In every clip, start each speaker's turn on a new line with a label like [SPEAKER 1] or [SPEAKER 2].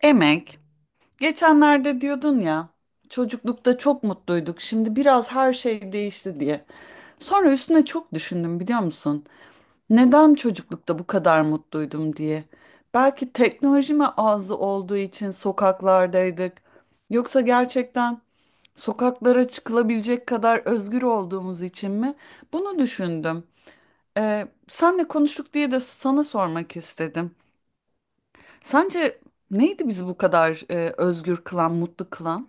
[SPEAKER 1] Emek, geçenlerde diyordun ya, çocuklukta çok mutluyduk, şimdi biraz her şey değişti diye. Sonra üstüne çok düşündüm biliyor musun? Neden çocuklukta bu kadar mutluydum diye. Belki teknoloji mi azı olduğu için sokaklardaydık. Yoksa gerçekten sokaklara çıkılabilecek kadar özgür olduğumuz için mi? Bunu düşündüm. Senle konuştuk diye de sana sormak istedim. Sence neydi bizi bu kadar özgür kılan, mutlu kılan?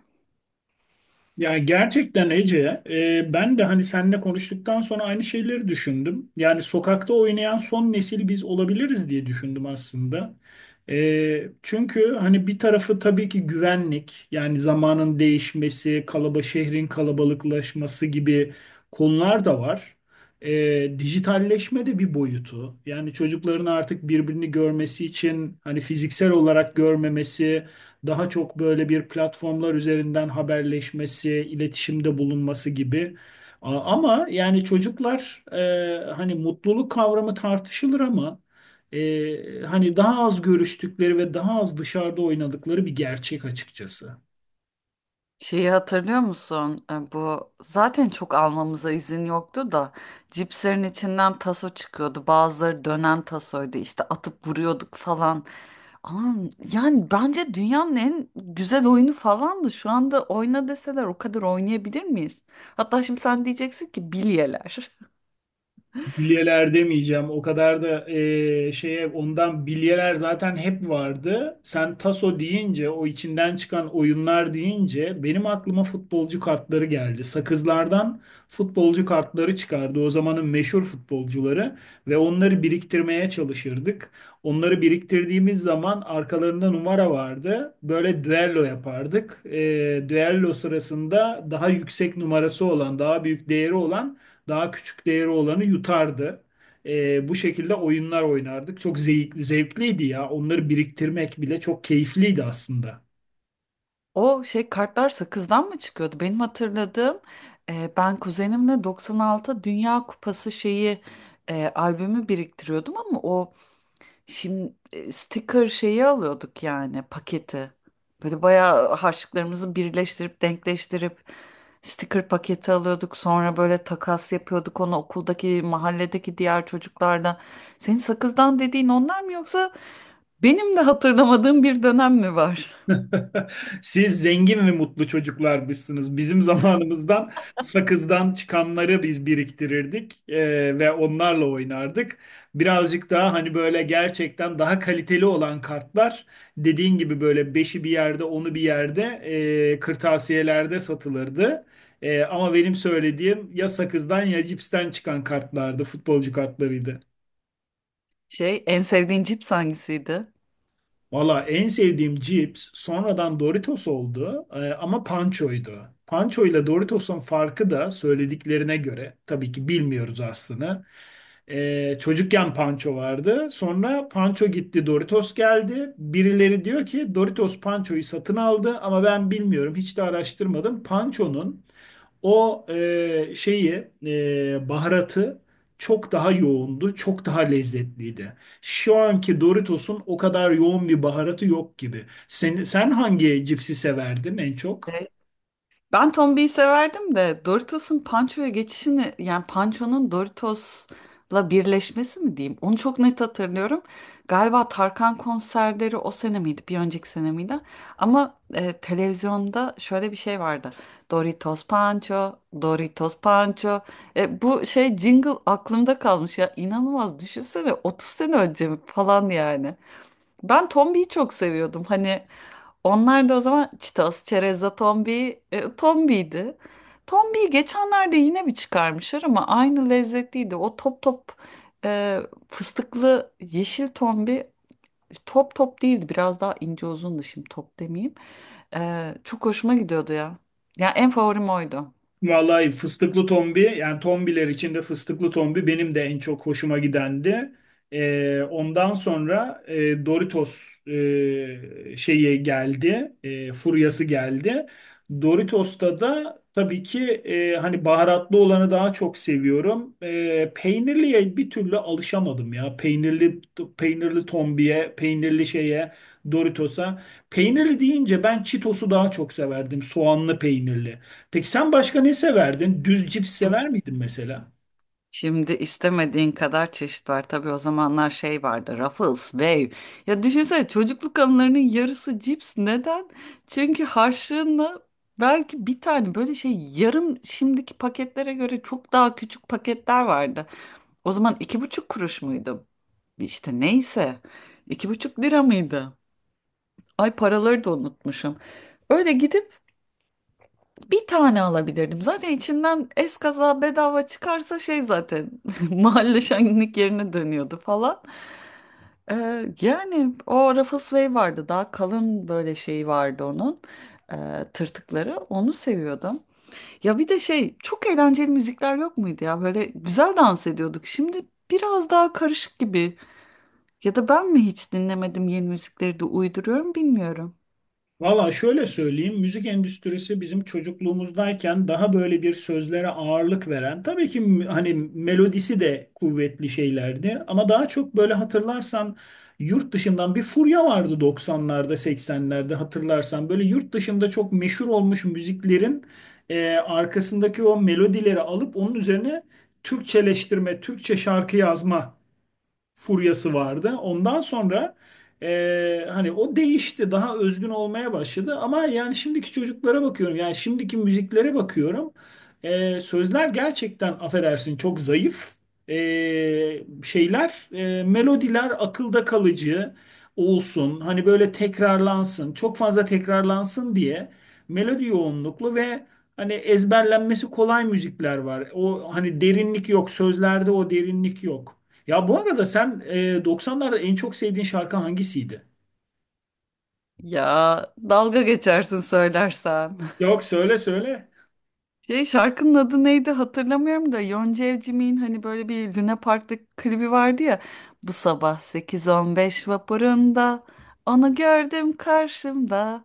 [SPEAKER 2] Yani gerçekten Ece, ben de hani seninle konuştuktan sonra aynı şeyleri düşündüm. Yani sokakta oynayan son nesil biz olabiliriz diye düşündüm aslında. Çünkü hani bir tarafı tabii ki güvenlik, yani zamanın değişmesi, şehrin kalabalıklaşması gibi konular da var. Dijitalleşme de bir boyutu. Yani çocukların artık birbirini görmesi için hani fiziksel olarak görmemesi, daha çok böyle bir platformlar üzerinden haberleşmesi, iletişimde bulunması gibi. Ama yani çocuklar hani mutluluk kavramı tartışılır ama hani daha az görüştükleri ve daha az dışarıda oynadıkları bir gerçek açıkçası.
[SPEAKER 1] Şeyi hatırlıyor musun? Bu zaten çok almamıza izin yoktu da cipslerin içinden taso çıkıyordu. Bazıları dönen tasoydu. İşte atıp vuruyorduk falan. Ama yani bence dünyanın en güzel oyunu falandı. Şu anda oyna deseler o kadar oynayabilir miyiz? Hatta şimdi sen diyeceksin ki bilyeler.
[SPEAKER 2] Bilyeler demeyeceğim. O kadar da şeye ondan bilyeler zaten hep vardı. Sen taso deyince, o içinden çıkan oyunlar deyince benim aklıma futbolcu kartları geldi. Sakızlardan futbolcu kartları çıkardı. O zamanın meşhur futbolcuları ve onları biriktirmeye çalışırdık. Onları biriktirdiğimiz zaman arkalarında numara vardı. Böyle düello yapardık. Düello sırasında daha yüksek numarası olan, daha büyük değeri olan, daha küçük değeri olanı yutardı. Bu şekilde oyunlar oynardık. Çok zevkli, zevkliydi ya. Onları biriktirmek bile çok keyifliydi aslında.
[SPEAKER 1] O şey kartlar sakızdan mı çıkıyordu? Benim hatırladığım ben kuzenimle 96 Dünya Kupası şeyi albümü biriktiriyordum ama o şimdi sticker şeyi alıyorduk yani paketi. Böyle bayağı harçlıklarımızı birleştirip denkleştirip sticker paketi alıyorduk. Sonra böyle takas yapıyorduk onu okuldaki mahalledeki diğer çocuklarla. Senin sakızdan dediğin onlar mı yoksa benim de hatırlamadığım bir dönem mi var?
[SPEAKER 2] Siz zengin ve mutlu çocuklarmışsınız. Bizim zamanımızdan sakızdan çıkanları biz biriktirirdik ve onlarla oynardık. Birazcık daha hani böyle gerçekten daha kaliteli olan kartlar, dediğin gibi böyle beşi bir yerde, onu bir yerde kırtasiyelerde satılırdı. Ama benim söylediğim ya sakızdan ya cipsten çıkan kartlardı, futbolcu kartlarıydı.
[SPEAKER 1] Şey, en sevdiğin cips hangisiydi?
[SPEAKER 2] Valla en sevdiğim cips sonradan Doritos oldu, ama Pancho'ydu. Pancho ile Doritos'un farkı da söylediklerine göre, tabii ki bilmiyoruz aslını. Çocukken Pancho vardı. Sonra Pancho gitti, Doritos geldi. Birileri diyor ki Doritos Pancho'yu satın aldı ama ben bilmiyorum, hiç de araştırmadım. Pancho'nun o baharatı çok daha yoğundu, çok daha lezzetliydi. Şu anki Doritos'un o kadar yoğun bir baharatı yok gibi. Sen hangi cipsi severdin en çok?
[SPEAKER 1] Şey, ben Tombi'yi severdim de Doritos'un Pancho'ya geçişini yani Pancho'nun Doritos'la birleşmesi mi diyeyim? Onu çok net hatırlıyorum. Galiba Tarkan konserleri o sene miydi? Bir önceki sene miydi? Ama televizyonda şöyle bir şey vardı. Doritos Pancho, Doritos Pancho. Bu şey jingle aklımda kalmış ya. İnanılmaz düşünsene 30 sene önce mi falan yani. Ben Tombi'yi çok seviyordum. Hani onlar da o zaman Çitos, Çerezza, Tombi, Tombi'ydi. Tombi'yi geçenlerde yine bir çıkarmışlar ama aynı lezzetliydi. O top top e, fıstıklı yeşil Tombi top top değildi. Biraz daha ince uzundu şimdi top demeyeyim. Çok hoşuma gidiyordu ya. Ya en favorim oydu.
[SPEAKER 2] Vallahi fıstıklı tombi, yani tombiler içinde fıstıklı tombi benim de en çok hoşuma gidendi. Ondan sonra Doritos furyası geldi. Doritos'ta da tabii ki hani baharatlı olanı daha çok seviyorum. Peynirliye bir türlü alışamadım ya. Peynirli tombiye, peynirli şeye, Doritos'a. Peynirli deyince ben Cheetos'u daha çok severdim. Soğanlı peynirli. Peki sen başka ne severdin? Düz cips sever miydin mesela?
[SPEAKER 1] Şimdi istemediğin kadar çeşit var. Tabii o zamanlar şey vardı. Ruffles, Wave. Ya düşünsene çocukluk anılarının yarısı cips. Neden? Çünkü harçlığınla belki bir tane böyle şey yarım şimdiki paketlere göre çok daha küçük paketler vardı. O zaman 2,5 kuruş muydu? İşte neyse. 2,5 lira mıydı? Ay paraları da unutmuşum. Öyle gidip bir tane alabilirdim. Zaten içinden eskaza bedava çıkarsa şey zaten mahalle şenlik yerine dönüyordu falan. Ee, Yani o Ruffles Way vardı. Daha kalın böyle şeyi vardı onun. Tırtıkları. Onu seviyordum. Ya bir de şey çok eğlenceli müzikler yok muydu ya? Böyle güzel dans ediyorduk. Şimdi biraz daha karışık gibi. Ya da ben mi hiç dinlemedim yeni müzikleri de uyduruyorum bilmiyorum.
[SPEAKER 2] Valla şöyle söyleyeyim, müzik endüstrisi bizim çocukluğumuzdayken daha böyle bir sözlere ağırlık veren, tabii ki hani melodisi de kuvvetli şeylerdi ama daha çok böyle, hatırlarsan yurt dışından bir furya vardı 90'larda, 80'lerde, hatırlarsan böyle yurt dışında çok meşhur olmuş müziklerin arkasındaki o melodileri alıp onun üzerine Türkçeleştirme, Türkçe şarkı yazma furyası vardı. Ondan sonra hani o değişti, daha özgün olmaya başladı. Ama yani şimdiki çocuklara bakıyorum, yani şimdiki müziklere bakıyorum. Sözler gerçekten, affedersin, çok zayıf. E, Melodiler akılda kalıcı olsun, hani böyle tekrarlansın, çok fazla tekrarlansın diye melodi yoğunluklu ve hani ezberlenmesi kolay müzikler var. O hani derinlik yok, sözlerde o derinlik yok. Ya bu arada sen 90'larda en çok sevdiğin şarkı hangisiydi?
[SPEAKER 1] Ya dalga geçersin söylersem.
[SPEAKER 2] Yok, söyle.
[SPEAKER 1] Şey şarkının adı neydi hatırlamıyorum da Yonca Evcimik'in hani böyle bir Luna Park'ta klibi vardı ya. Bu sabah 8.15 vapurunda onu gördüm karşımda.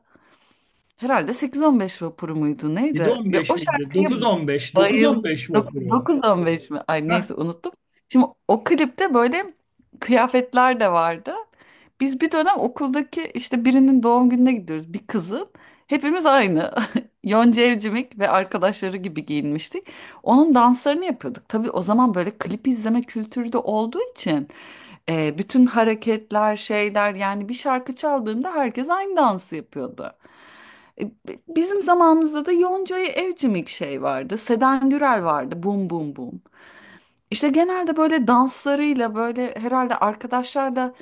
[SPEAKER 1] Herhalde 8.15 vapuru muydu neydi? Ya
[SPEAKER 2] 7:15
[SPEAKER 1] o
[SPEAKER 2] miydi?
[SPEAKER 1] şarkıya
[SPEAKER 2] 9:15.
[SPEAKER 1] bayıldım.
[SPEAKER 2] 9:15 vapuru.
[SPEAKER 1] Dokuz on beş mi? Ay
[SPEAKER 2] Heh.
[SPEAKER 1] neyse unuttum. Şimdi o klipte böyle kıyafetler de vardı. Biz bir dönem okuldaki işte birinin doğum gününe gidiyoruz. Bir kızın. Hepimiz aynı. Yonca Evcimik ve arkadaşları gibi giyinmiştik. Onun danslarını yapıyorduk. Tabii o zaman böyle klip izleme kültürü de olduğu için bütün hareketler, şeyler yani bir şarkı çaldığında herkes aynı dansı yapıyordu. Bizim zamanımızda da Yonca'ya Evcimik şey vardı. Seden Gürel vardı. Bum bum bum. İşte genelde böyle danslarıyla böyle herhalde arkadaşlarla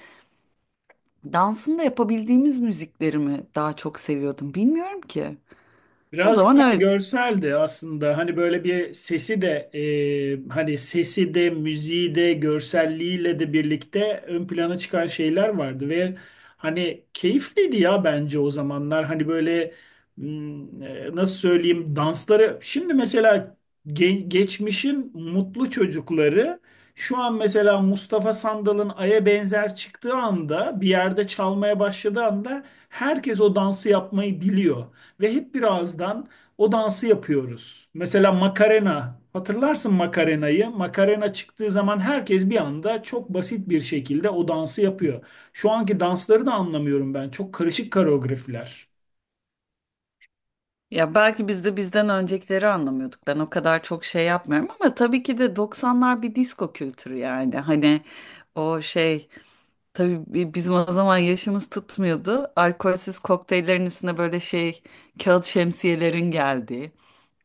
[SPEAKER 1] dansını da yapabildiğimiz müzikleri mi daha çok seviyordum bilmiyorum ki. O
[SPEAKER 2] Birazcık
[SPEAKER 1] zaman
[SPEAKER 2] daha
[SPEAKER 1] öyle.
[SPEAKER 2] görseldi aslında. Hani böyle bir sesi de hani sesi de müziği de görselliğiyle de birlikte ön plana çıkan şeyler vardı ve hani keyifliydi ya bence o zamanlar. Hani böyle nasıl söyleyeyim dansları. Şimdi mesela geçmişin mutlu çocukları, şu an mesela Mustafa Sandal'ın Ay'a benzer çıktığı anda, bir yerde çalmaya başladığı anda, herkes o dansı yapmayı biliyor ve hep bir ağızdan o dansı yapıyoruz. Mesela Macarena, hatırlarsın Macarena'yı. Macarena çıktığı zaman herkes bir anda çok basit bir şekilde o dansı yapıyor. Şu anki dansları da anlamıyorum ben. Çok karışık koreografiler.
[SPEAKER 1] Ya belki biz de bizden öncekileri anlamıyorduk. Ben o kadar çok şey yapmıyorum ama tabii ki de 90'lar bir disco kültürü yani. Hani o şey. Tabii bizim o zaman yaşımız tutmuyordu. Alkolsüz kokteyllerin üstüne böyle şey kağıt şemsiyelerin geldiği,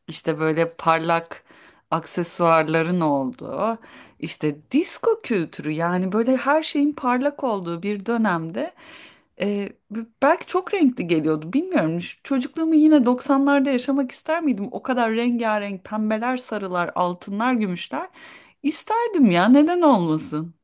[SPEAKER 1] işte böyle parlak aksesuarların olduğu, işte disco kültürü yani böyle her şeyin parlak olduğu bir dönemde belki çok renkli geliyordu bilmiyorum. Çocukluğumu yine 90'larda yaşamak ister miydim? O kadar rengarenk pembeler, sarılar, altınlar, gümüşler isterdim ya neden olmasın?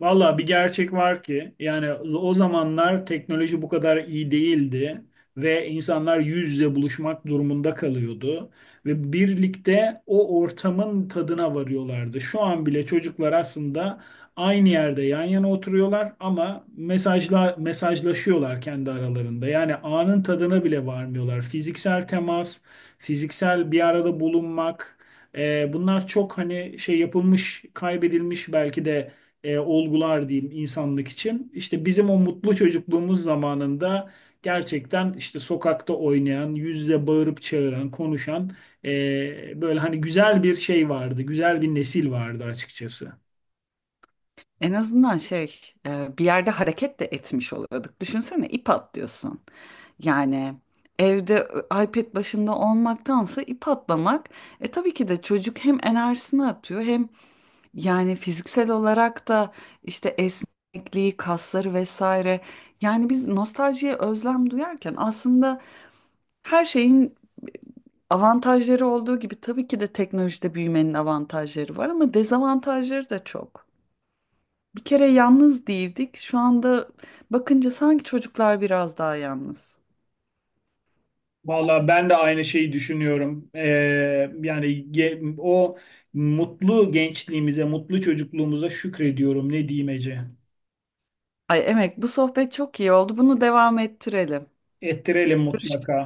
[SPEAKER 2] Valla bir gerçek var ki yani o zamanlar teknoloji bu kadar iyi değildi ve insanlar yüz yüze buluşmak durumunda kalıyordu ve birlikte o ortamın tadına varıyorlardı. Şu an bile çocuklar aslında aynı yerde yan yana oturuyorlar ama mesajla mesajlaşıyorlar kendi aralarında. Yani anın tadına bile varmıyorlar. Fiziksel temas, fiziksel bir arada bulunmak, bunlar çok hani şey yapılmış, kaybedilmiş belki de olgular diyeyim insanlık için. İşte bizim o mutlu çocukluğumuz zamanında gerçekten işte sokakta oynayan, yüzle bağırıp çağıran, konuşan, böyle hani güzel bir şey vardı, güzel bir nesil vardı açıkçası.
[SPEAKER 1] En azından şey bir yerde hareket de etmiş oluyorduk. Düşünsene ip atlıyorsun. Yani evde iPad başında olmaktansa ip atlamak tabii ki de çocuk hem enerjisini atıyor hem yani fiziksel olarak da işte esnekliği, kasları vesaire. Yani biz nostaljiye özlem duyarken aslında her şeyin avantajları olduğu gibi tabii ki de teknolojide büyümenin avantajları var ama dezavantajları da çok. Bir kere yalnız değildik. Şu anda bakınca sanki çocuklar biraz daha yalnız.
[SPEAKER 2] Valla ben de aynı şeyi düşünüyorum. Yani O mutlu gençliğimize, mutlu çocukluğumuza şükrediyorum. Ne diyeyim Ece?
[SPEAKER 1] Ay Emek, bu sohbet çok iyi oldu. Bunu devam ettirelim.
[SPEAKER 2] Ettirelim mutlaka.